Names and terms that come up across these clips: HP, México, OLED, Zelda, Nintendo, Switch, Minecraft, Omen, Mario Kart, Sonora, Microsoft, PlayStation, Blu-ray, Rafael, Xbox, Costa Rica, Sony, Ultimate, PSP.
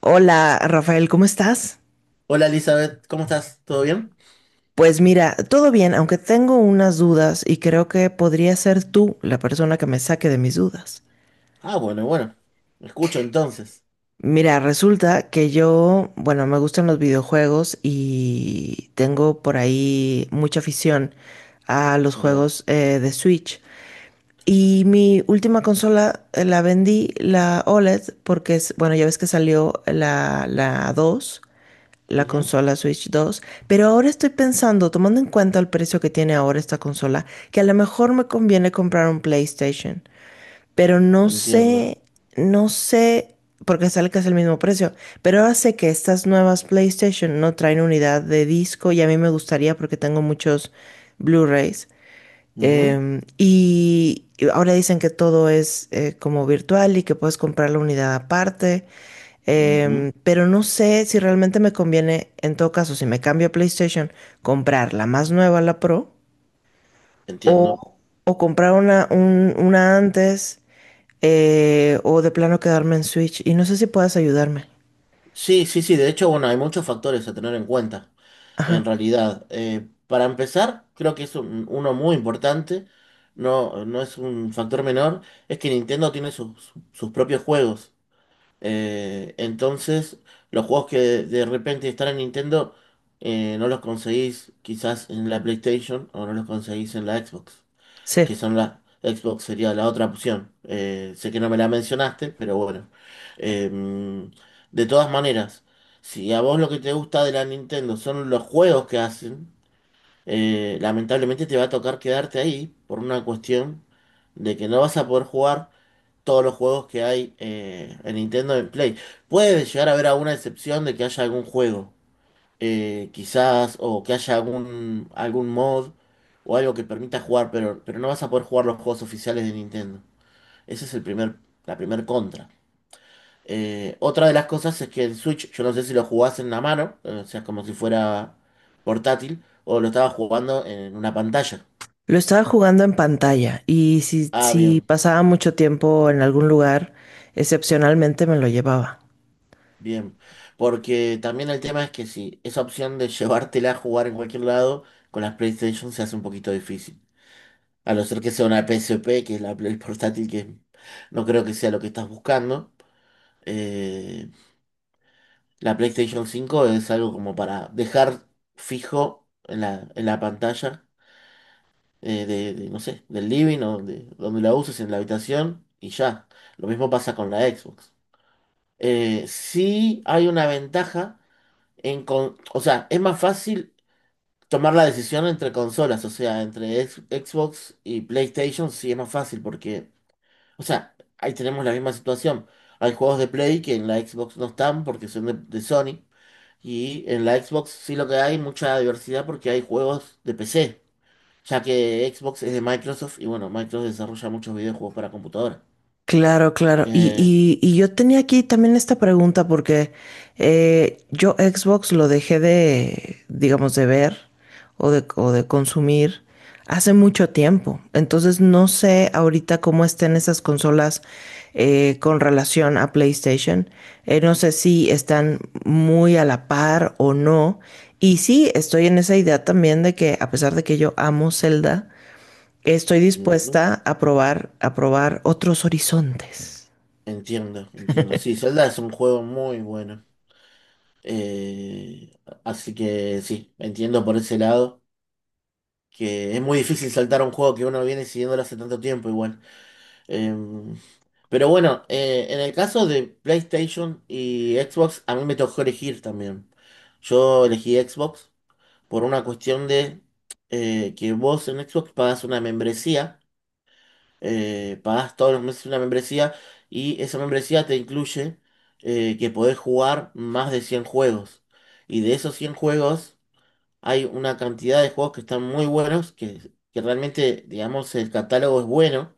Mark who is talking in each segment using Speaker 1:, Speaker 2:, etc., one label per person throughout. Speaker 1: Hola, Rafael, ¿cómo estás?
Speaker 2: Hola Elizabeth, ¿cómo estás? ¿Todo bien?
Speaker 1: Pues mira, todo bien, aunque tengo unas dudas y creo que podría ser tú la persona que me saque de mis dudas.
Speaker 2: Ah, bueno, bueno. Me escucho entonces.
Speaker 1: Mira, resulta que yo, bueno, me gustan los videojuegos y tengo por ahí mucha afición a los
Speaker 2: Bien.
Speaker 1: juegos de Switch. Y mi última consola la vendí, la OLED, porque es, bueno, ya ves que salió la 2. La
Speaker 2: Ujú.
Speaker 1: consola Switch 2, pero ahora estoy pensando, tomando en cuenta el precio que tiene ahora esta consola, que a lo mejor me conviene comprar un PlayStation, pero no
Speaker 2: Entiendo.
Speaker 1: sé, no sé, porque sale casi el mismo precio, pero ahora sé que estas nuevas PlayStation no traen unidad de disco y a mí me gustaría porque tengo muchos Blu-rays.
Speaker 2: Ujú,
Speaker 1: Y ahora dicen que todo es como virtual y que puedes comprar la unidad aparte.
Speaker 2: ujú.
Speaker 1: Pero no sé si realmente me conviene, en todo caso, si me cambio a PlayStation, comprar la más nueva, la Pro,
Speaker 2: Entiendo.
Speaker 1: o, o comprar una, una antes, o de plano quedarme en Switch. Y no sé si puedas ayudarme.
Speaker 2: Sí, sí, sí. De hecho, bueno, hay muchos factores a tener en cuenta. En
Speaker 1: Ajá,
Speaker 2: realidad, para empezar, creo que uno muy importante. No, no es un factor menor. Es que Nintendo tiene sus propios juegos. Entonces, los juegos que de repente están en Nintendo, no los conseguís quizás en la PlayStation o no los conseguís en la Xbox,
Speaker 1: sí.
Speaker 2: que son la Xbox sería la otra opción. Sé que no me la mencionaste, pero bueno. Eh, de todas maneras, si a vos lo que te gusta de la Nintendo son los juegos que hacen, lamentablemente te va a tocar quedarte ahí por una cuestión de que no vas a poder jugar todos los juegos que hay en Nintendo en Play. Puede llegar a haber alguna excepción de que haya algún juego, quizás, o que haya algún mod o algo que permita jugar, pero no vas a poder jugar los juegos oficiales de Nintendo. Ese es el primer, La primer contra. Otra de las cosas es que el Switch, yo no sé si lo jugás en la mano, o sea, como si fuera portátil, o lo estabas jugando en una pantalla.
Speaker 1: Lo estaba jugando en pantalla y si,
Speaker 2: Ah,
Speaker 1: si
Speaker 2: bien.
Speaker 1: pasaba mucho tiempo en algún lugar, excepcionalmente me lo llevaba.
Speaker 2: Bien, porque también el tema es que si esa opción de llevártela a jugar en cualquier lado, con las PlayStation se hace un poquito difícil. A no ser que sea una PSP, que es la Play portátil, que no creo que sea lo que estás buscando. Eh, la PlayStation 5 es algo como para dejar fijo en en la pantalla no sé, del living o de donde la uses en la habitación y ya. Lo mismo pasa con la Xbox. Sí hay una ventaja o sea, es más fácil tomar la decisión entre consolas, o sea, entre Xbox y PlayStation sí es más fácil porque, o sea, ahí tenemos la misma situación. Hay juegos de Play que en la Xbox no están porque son de Sony y en la Xbox sí lo que hay mucha diversidad porque hay juegos de PC, ya que Xbox es de Microsoft y bueno, Microsoft desarrolla muchos videojuegos para computadora.
Speaker 1: Claro, claro. Y,
Speaker 2: Eh,
Speaker 1: y, y yo tenía aquí también esta pregunta porque yo Xbox lo dejé de, digamos, de ver o de consumir hace mucho tiempo. Entonces no sé ahorita cómo estén esas consolas con relación a PlayStation. No sé si están muy a la par o no. Y sí, estoy en esa idea también de que a pesar de que yo amo Zelda, estoy
Speaker 2: ujú.
Speaker 1: dispuesta a probar otros horizontes.
Speaker 2: Entiendo, entiendo. Sí, Zelda es un juego muy bueno. Eh, así que sí, entiendo por ese lado que es muy difícil saltar a un juego que uno viene siguiéndolo hace tanto tiempo igual. Eh, pero bueno, en el caso de PlayStation y Xbox, a mí me tocó elegir también. Yo elegí Xbox por una cuestión de que vos en Xbox pagas una membresía, pagás todos los meses una membresía y esa membresía te incluye que podés jugar más de 100 juegos. Y de esos 100 juegos... Hay una cantidad de juegos que están muy buenos, que realmente, digamos, el catálogo es bueno,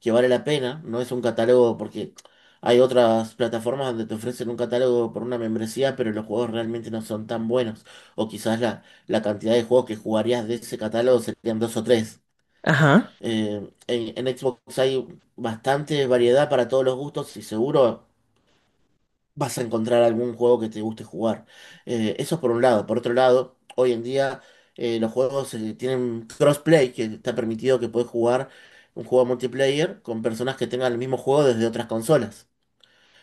Speaker 2: que vale la pena. No es un catálogo porque hay otras plataformas donde te ofrecen un catálogo por una membresía, pero los juegos realmente no son tan buenos. O quizás la, la cantidad de juegos que jugarías de ese catálogo serían dos o tres.
Speaker 1: Ajá.
Speaker 2: En Xbox hay bastante variedad para todos los gustos y seguro vas a encontrar algún juego que te guste jugar. Eso por un lado. Por otro lado, hoy en día los juegos tienen crossplay, que está permitido que puedes jugar un juego multiplayer con personas que tengan el mismo juego desde otras consolas.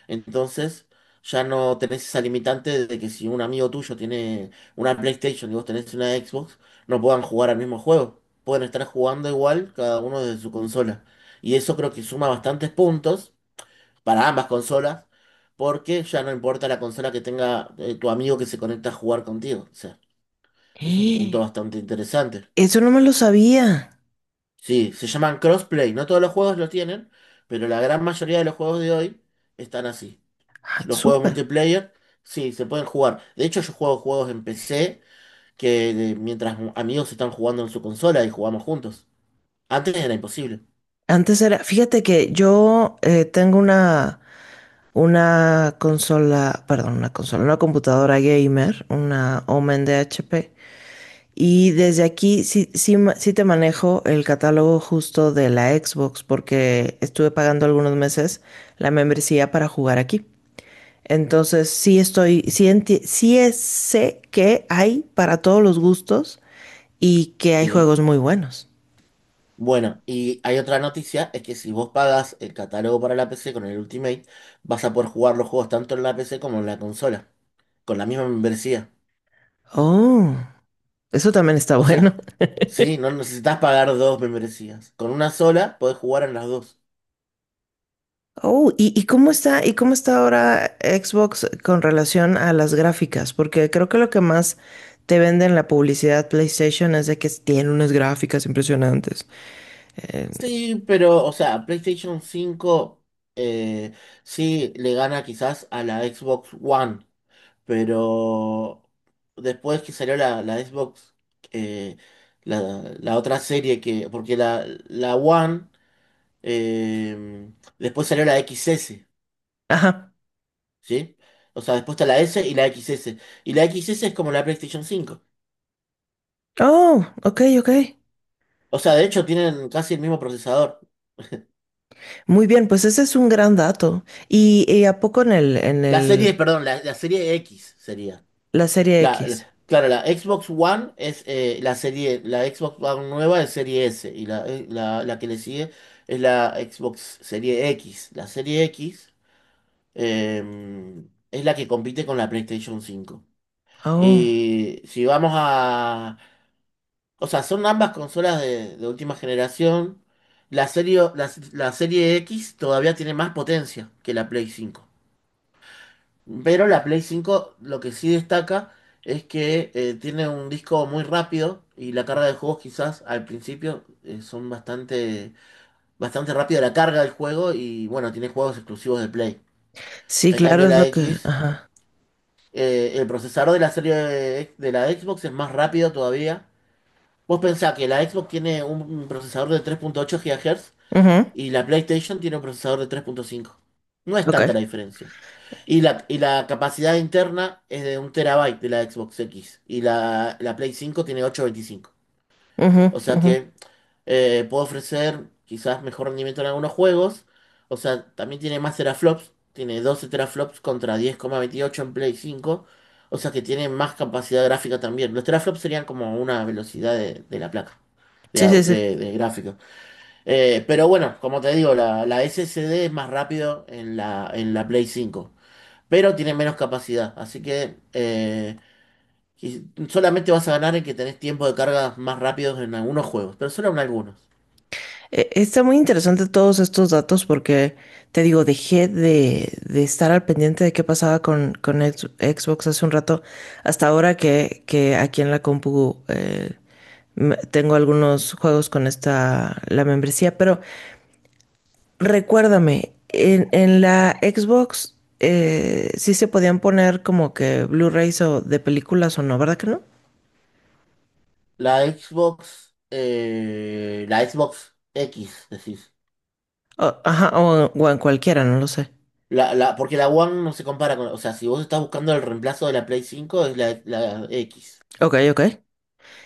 Speaker 2: Entonces, ya no tenés esa limitante de que si un amigo tuyo tiene una PlayStation y vos tenés una Xbox, no puedan jugar al mismo juego. Pueden estar jugando igual cada uno desde su consola. Y eso creo que suma bastantes puntos para ambas consolas, porque ya no importa la consola que tenga tu amigo que se conecta a jugar contigo. O sea, es un punto
Speaker 1: ¡Eh!
Speaker 2: bastante interesante.
Speaker 1: Eso no me lo sabía.
Speaker 2: Sí, se llaman crossplay. No todos los juegos lo tienen, pero la gran mayoría de los juegos de hoy están así.
Speaker 1: Ah,
Speaker 2: Los juegos
Speaker 1: súper.
Speaker 2: multiplayer, sí, se pueden jugar. De hecho, yo juego juegos en PC que mientras amigos están jugando en su consola y jugamos juntos. Antes era imposible.
Speaker 1: Antes era, fíjate que yo tengo una consola, perdón, una consola, una computadora gamer, una Omen de HP. Y desde aquí sí, sí, sí te manejo el catálogo justo de la Xbox porque estuve pagando algunos meses la membresía para jugar aquí. Entonces, sí estoy, sí, sé que hay para todos los gustos y que hay
Speaker 2: Sí.
Speaker 1: juegos muy buenos.
Speaker 2: Bueno, y hay otra noticia, es que si vos pagas el catálogo para la PC con el Ultimate, vas a poder jugar los juegos tanto en la PC como en la consola, con la misma membresía.
Speaker 1: Oh, eso también está
Speaker 2: O
Speaker 1: bueno.
Speaker 2: sea, sí, no necesitas pagar dos membresías. Con una sola podés jugar en las dos.
Speaker 1: Oh, y cómo está ahora Xbox con relación a las gráficas? Porque creo que lo que más te vende en la publicidad PlayStation es de que tiene unas gráficas impresionantes. Eh,
Speaker 2: Sí, pero, o sea, PlayStation 5 eh, sí le gana quizás a la Xbox One, pero después que salió la Xbox, eh, la, la otra serie que, porque la One... Eh, después salió la X S,
Speaker 1: ajá.
Speaker 2: ¿sí? O sea, después está la S y la X S. Y la X S es como la PlayStation cinco.
Speaker 1: Oh, ok, ok.
Speaker 2: O sea, de hecho tienen casi el mismo procesador.
Speaker 1: Muy bien, pues ese es un gran dato. Y a poco en el,
Speaker 2: La serie X sería.
Speaker 1: la serie X?
Speaker 2: Claro, la Xbox One es la serie, la Xbox One nueva es serie S y la que le sigue es la Xbox serie X. La serie X eh, es la que compite con la PlayStation cinco.
Speaker 1: Oh,
Speaker 2: Y si vamos O sea, son ambas consolas de última generación. La serie X todavía tiene más potencia que la Play 5. Pero la Play 5, lo que sí destaca es que tiene un disco muy rápido y la carga de juegos quizás al principio son bastante, bastante rápida la carga del juego y bueno, tiene juegos exclusivos de Play.
Speaker 1: sí,
Speaker 2: En
Speaker 1: claro,
Speaker 2: cambio
Speaker 1: es
Speaker 2: la
Speaker 1: lo que.
Speaker 2: X,
Speaker 1: Ajá.
Speaker 2: el procesador de la serie de la Xbox es más rápido todavía. Vos pensás que la Xbox tiene un procesador de 3.8 GHz
Speaker 1: Ujú,
Speaker 2: y la PlayStation tiene un procesador de 3.5. No es tanta la
Speaker 1: ok.
Speaker 2: diferencia. Y la capacidad interna es de un terabyte de la Xbox X. Y la Play 5 tiene 825.
Speaker 1: Ujú,
Speaker 2: O sea
Speaker 1: ujú.
Speaker 2: que puedo ofrecer quizás mejor rendimiento en algunos juegos. O sea, también tiene más teraflops. Tiene 12 teraflops contra 10,28 en Play 5. O sea que tiene más capacidad gráfica también. Los teraflops serían como una velocidad de la placa
Speaker 1: Sí, sí, sí.
Speaker 2: de gráfico. Como te digo, la SSD es más rápido en en la Play 5, pero tiene menos capacidad. Así que solamente vas a ganar en que tenés tiempo de carga más rápidos en algunos juegos, pero solo en algunos.
Speaker 1: Está muy interesante todos estos datos porque, te digo, dejé de estar al pendiente de qué pasaba con Xbox hace un rato, hasta ahora que aquí en la compu tengo algunos juegos con esta, la membresía, pero recuérdame, en la Xbox sí se podían poner como que Blu-rays o de películas o no, ¿verdad que no?
Speaker 2: La Xbox X, decís.
Speaker 1: O, ajá, o en cualquiera, no lo sé.
Speaker 2: Porque la One no se compara con... O sea, si vos estás buscando el reemplazo de la Play 5, es la X,
Speaker 1: Ok, ok.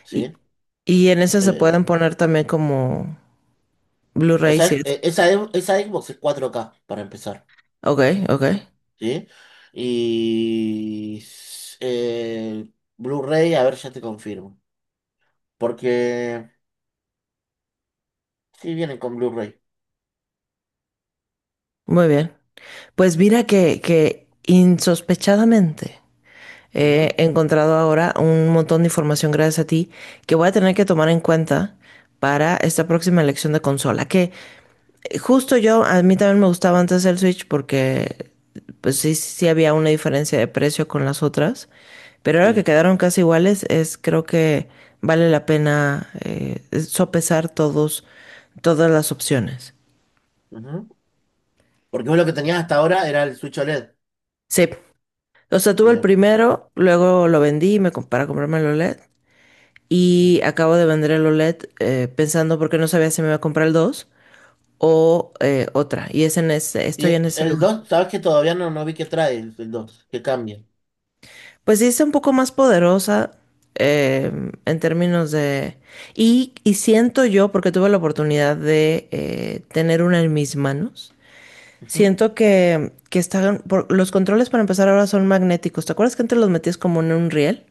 Speaker 2: ¿sí?
Speaker 1: Y, y en ese se
Speaker 2: Eh,
Speaker 1: pueden poner también como Blu-rays y eso.
Speaker 2: esa Xbox es 4K, para empezar.
Speaker 1: Ok, ok.
Speaker 2: ¿Sí? Y s- eh, Blu-ray, a ver, ya te confirmo. Porque sí vienen con Blu-ray.
Speaker 1: Muy bien. Pues mira que insospechadamente he
Speaker 2: Ujú.
Speaker 1: encontrado ahora un montón de información gracias a ti que voy a tener que tomar en cuenta para esta próxima elección de consola. Justo yo, a mí también me gustaba antes el Switch porque pues sí, sí había una diferencia de precio con las otras, pero ahora que
Speaker 2: Sí.
Speaker 1: quedaron casi iguales, es creo que vale la pena sopesar todos, todas las opciones.
Speaker 2: Ujú. Porque vos lo que tenías hasta ahora era el Switch OLED.
Speaker 1: Sí, o sea, tuve el
Speaker 2: Bien.
Speaker 1: primero, luego lo vendí y me, para comprarme el OLED y
Speaker 2: Ujú.
Speaker 1: acabo de vender el OLED pensando porque no sabía si me iba a comprar el 2 o otra, y es en ese, estoy en ese
Speaker 2: El
Speaker 1: lugar.
Speaker 2: dos sabes que todavía no, no vi qué trae el 2, que cambia.
Speaker 1: Pues sí, está un poco más poderosa. En términos de... Y, y siento yo, porque tuve la oportunidad de tener una en mis manos,
Speaker 2: Ujú.
Speaker 1: siento que están... los controles para empezar ahora son magnéticos. ¿Te acuerdas que antes los metías como en un riel?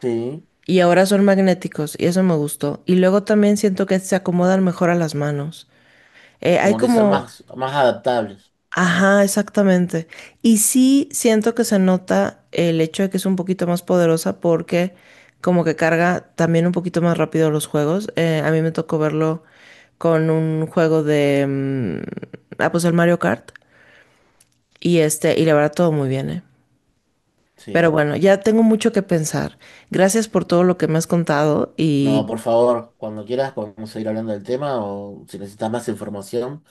Speaker 2: Sí.
Speaker 1: Y ahora son magnéticos y eso me gustó. Y luego también siento que se acomodan mejor a las manos. Hay
Speaker 2: Como que son
Speaker 1: como...
Speaker 2: más adaptables.
Speaker 1: Ajá, exactamente. Y sí siento que se nota el hecho de que es un poquito más poderosa porque como que carga también un poquito más rápido los juegos. A mí me tocó verlo con un juego de... mm, ah, pues el Mario Kart. Y este, y la verdad todo muy bien, ¿eh? Pero
Speaker 2: Sí.
Speaker 1: bueno, ya tengo mucho que pensar. Gracias por todo lo que me has contado
Speaker 2: No,
Speaker 1: y
Speaker 2: por favor, cuando quieras podemos seguir hablando del tema o si necesitas más información.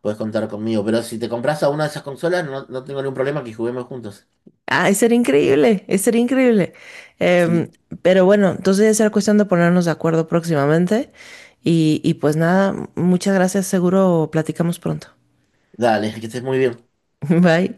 Speaker 2: Puedes contar conmigo, pero si te compras a una de esas consolas, no, no tengo ningún problema que juguemos juntos.
Speaker 1: ay, sería increíble, sería increíble. Em,
Speaker 2: Sí.
Speaker 1: pero bueno, entonces ya será cuestión de ponernos de acuerdo próximamente. Y pues nada, muchas gracias, seguro platicamos pronto.
Speaker 2: Dale, que estés muy bien.
Speaker 1: Bye.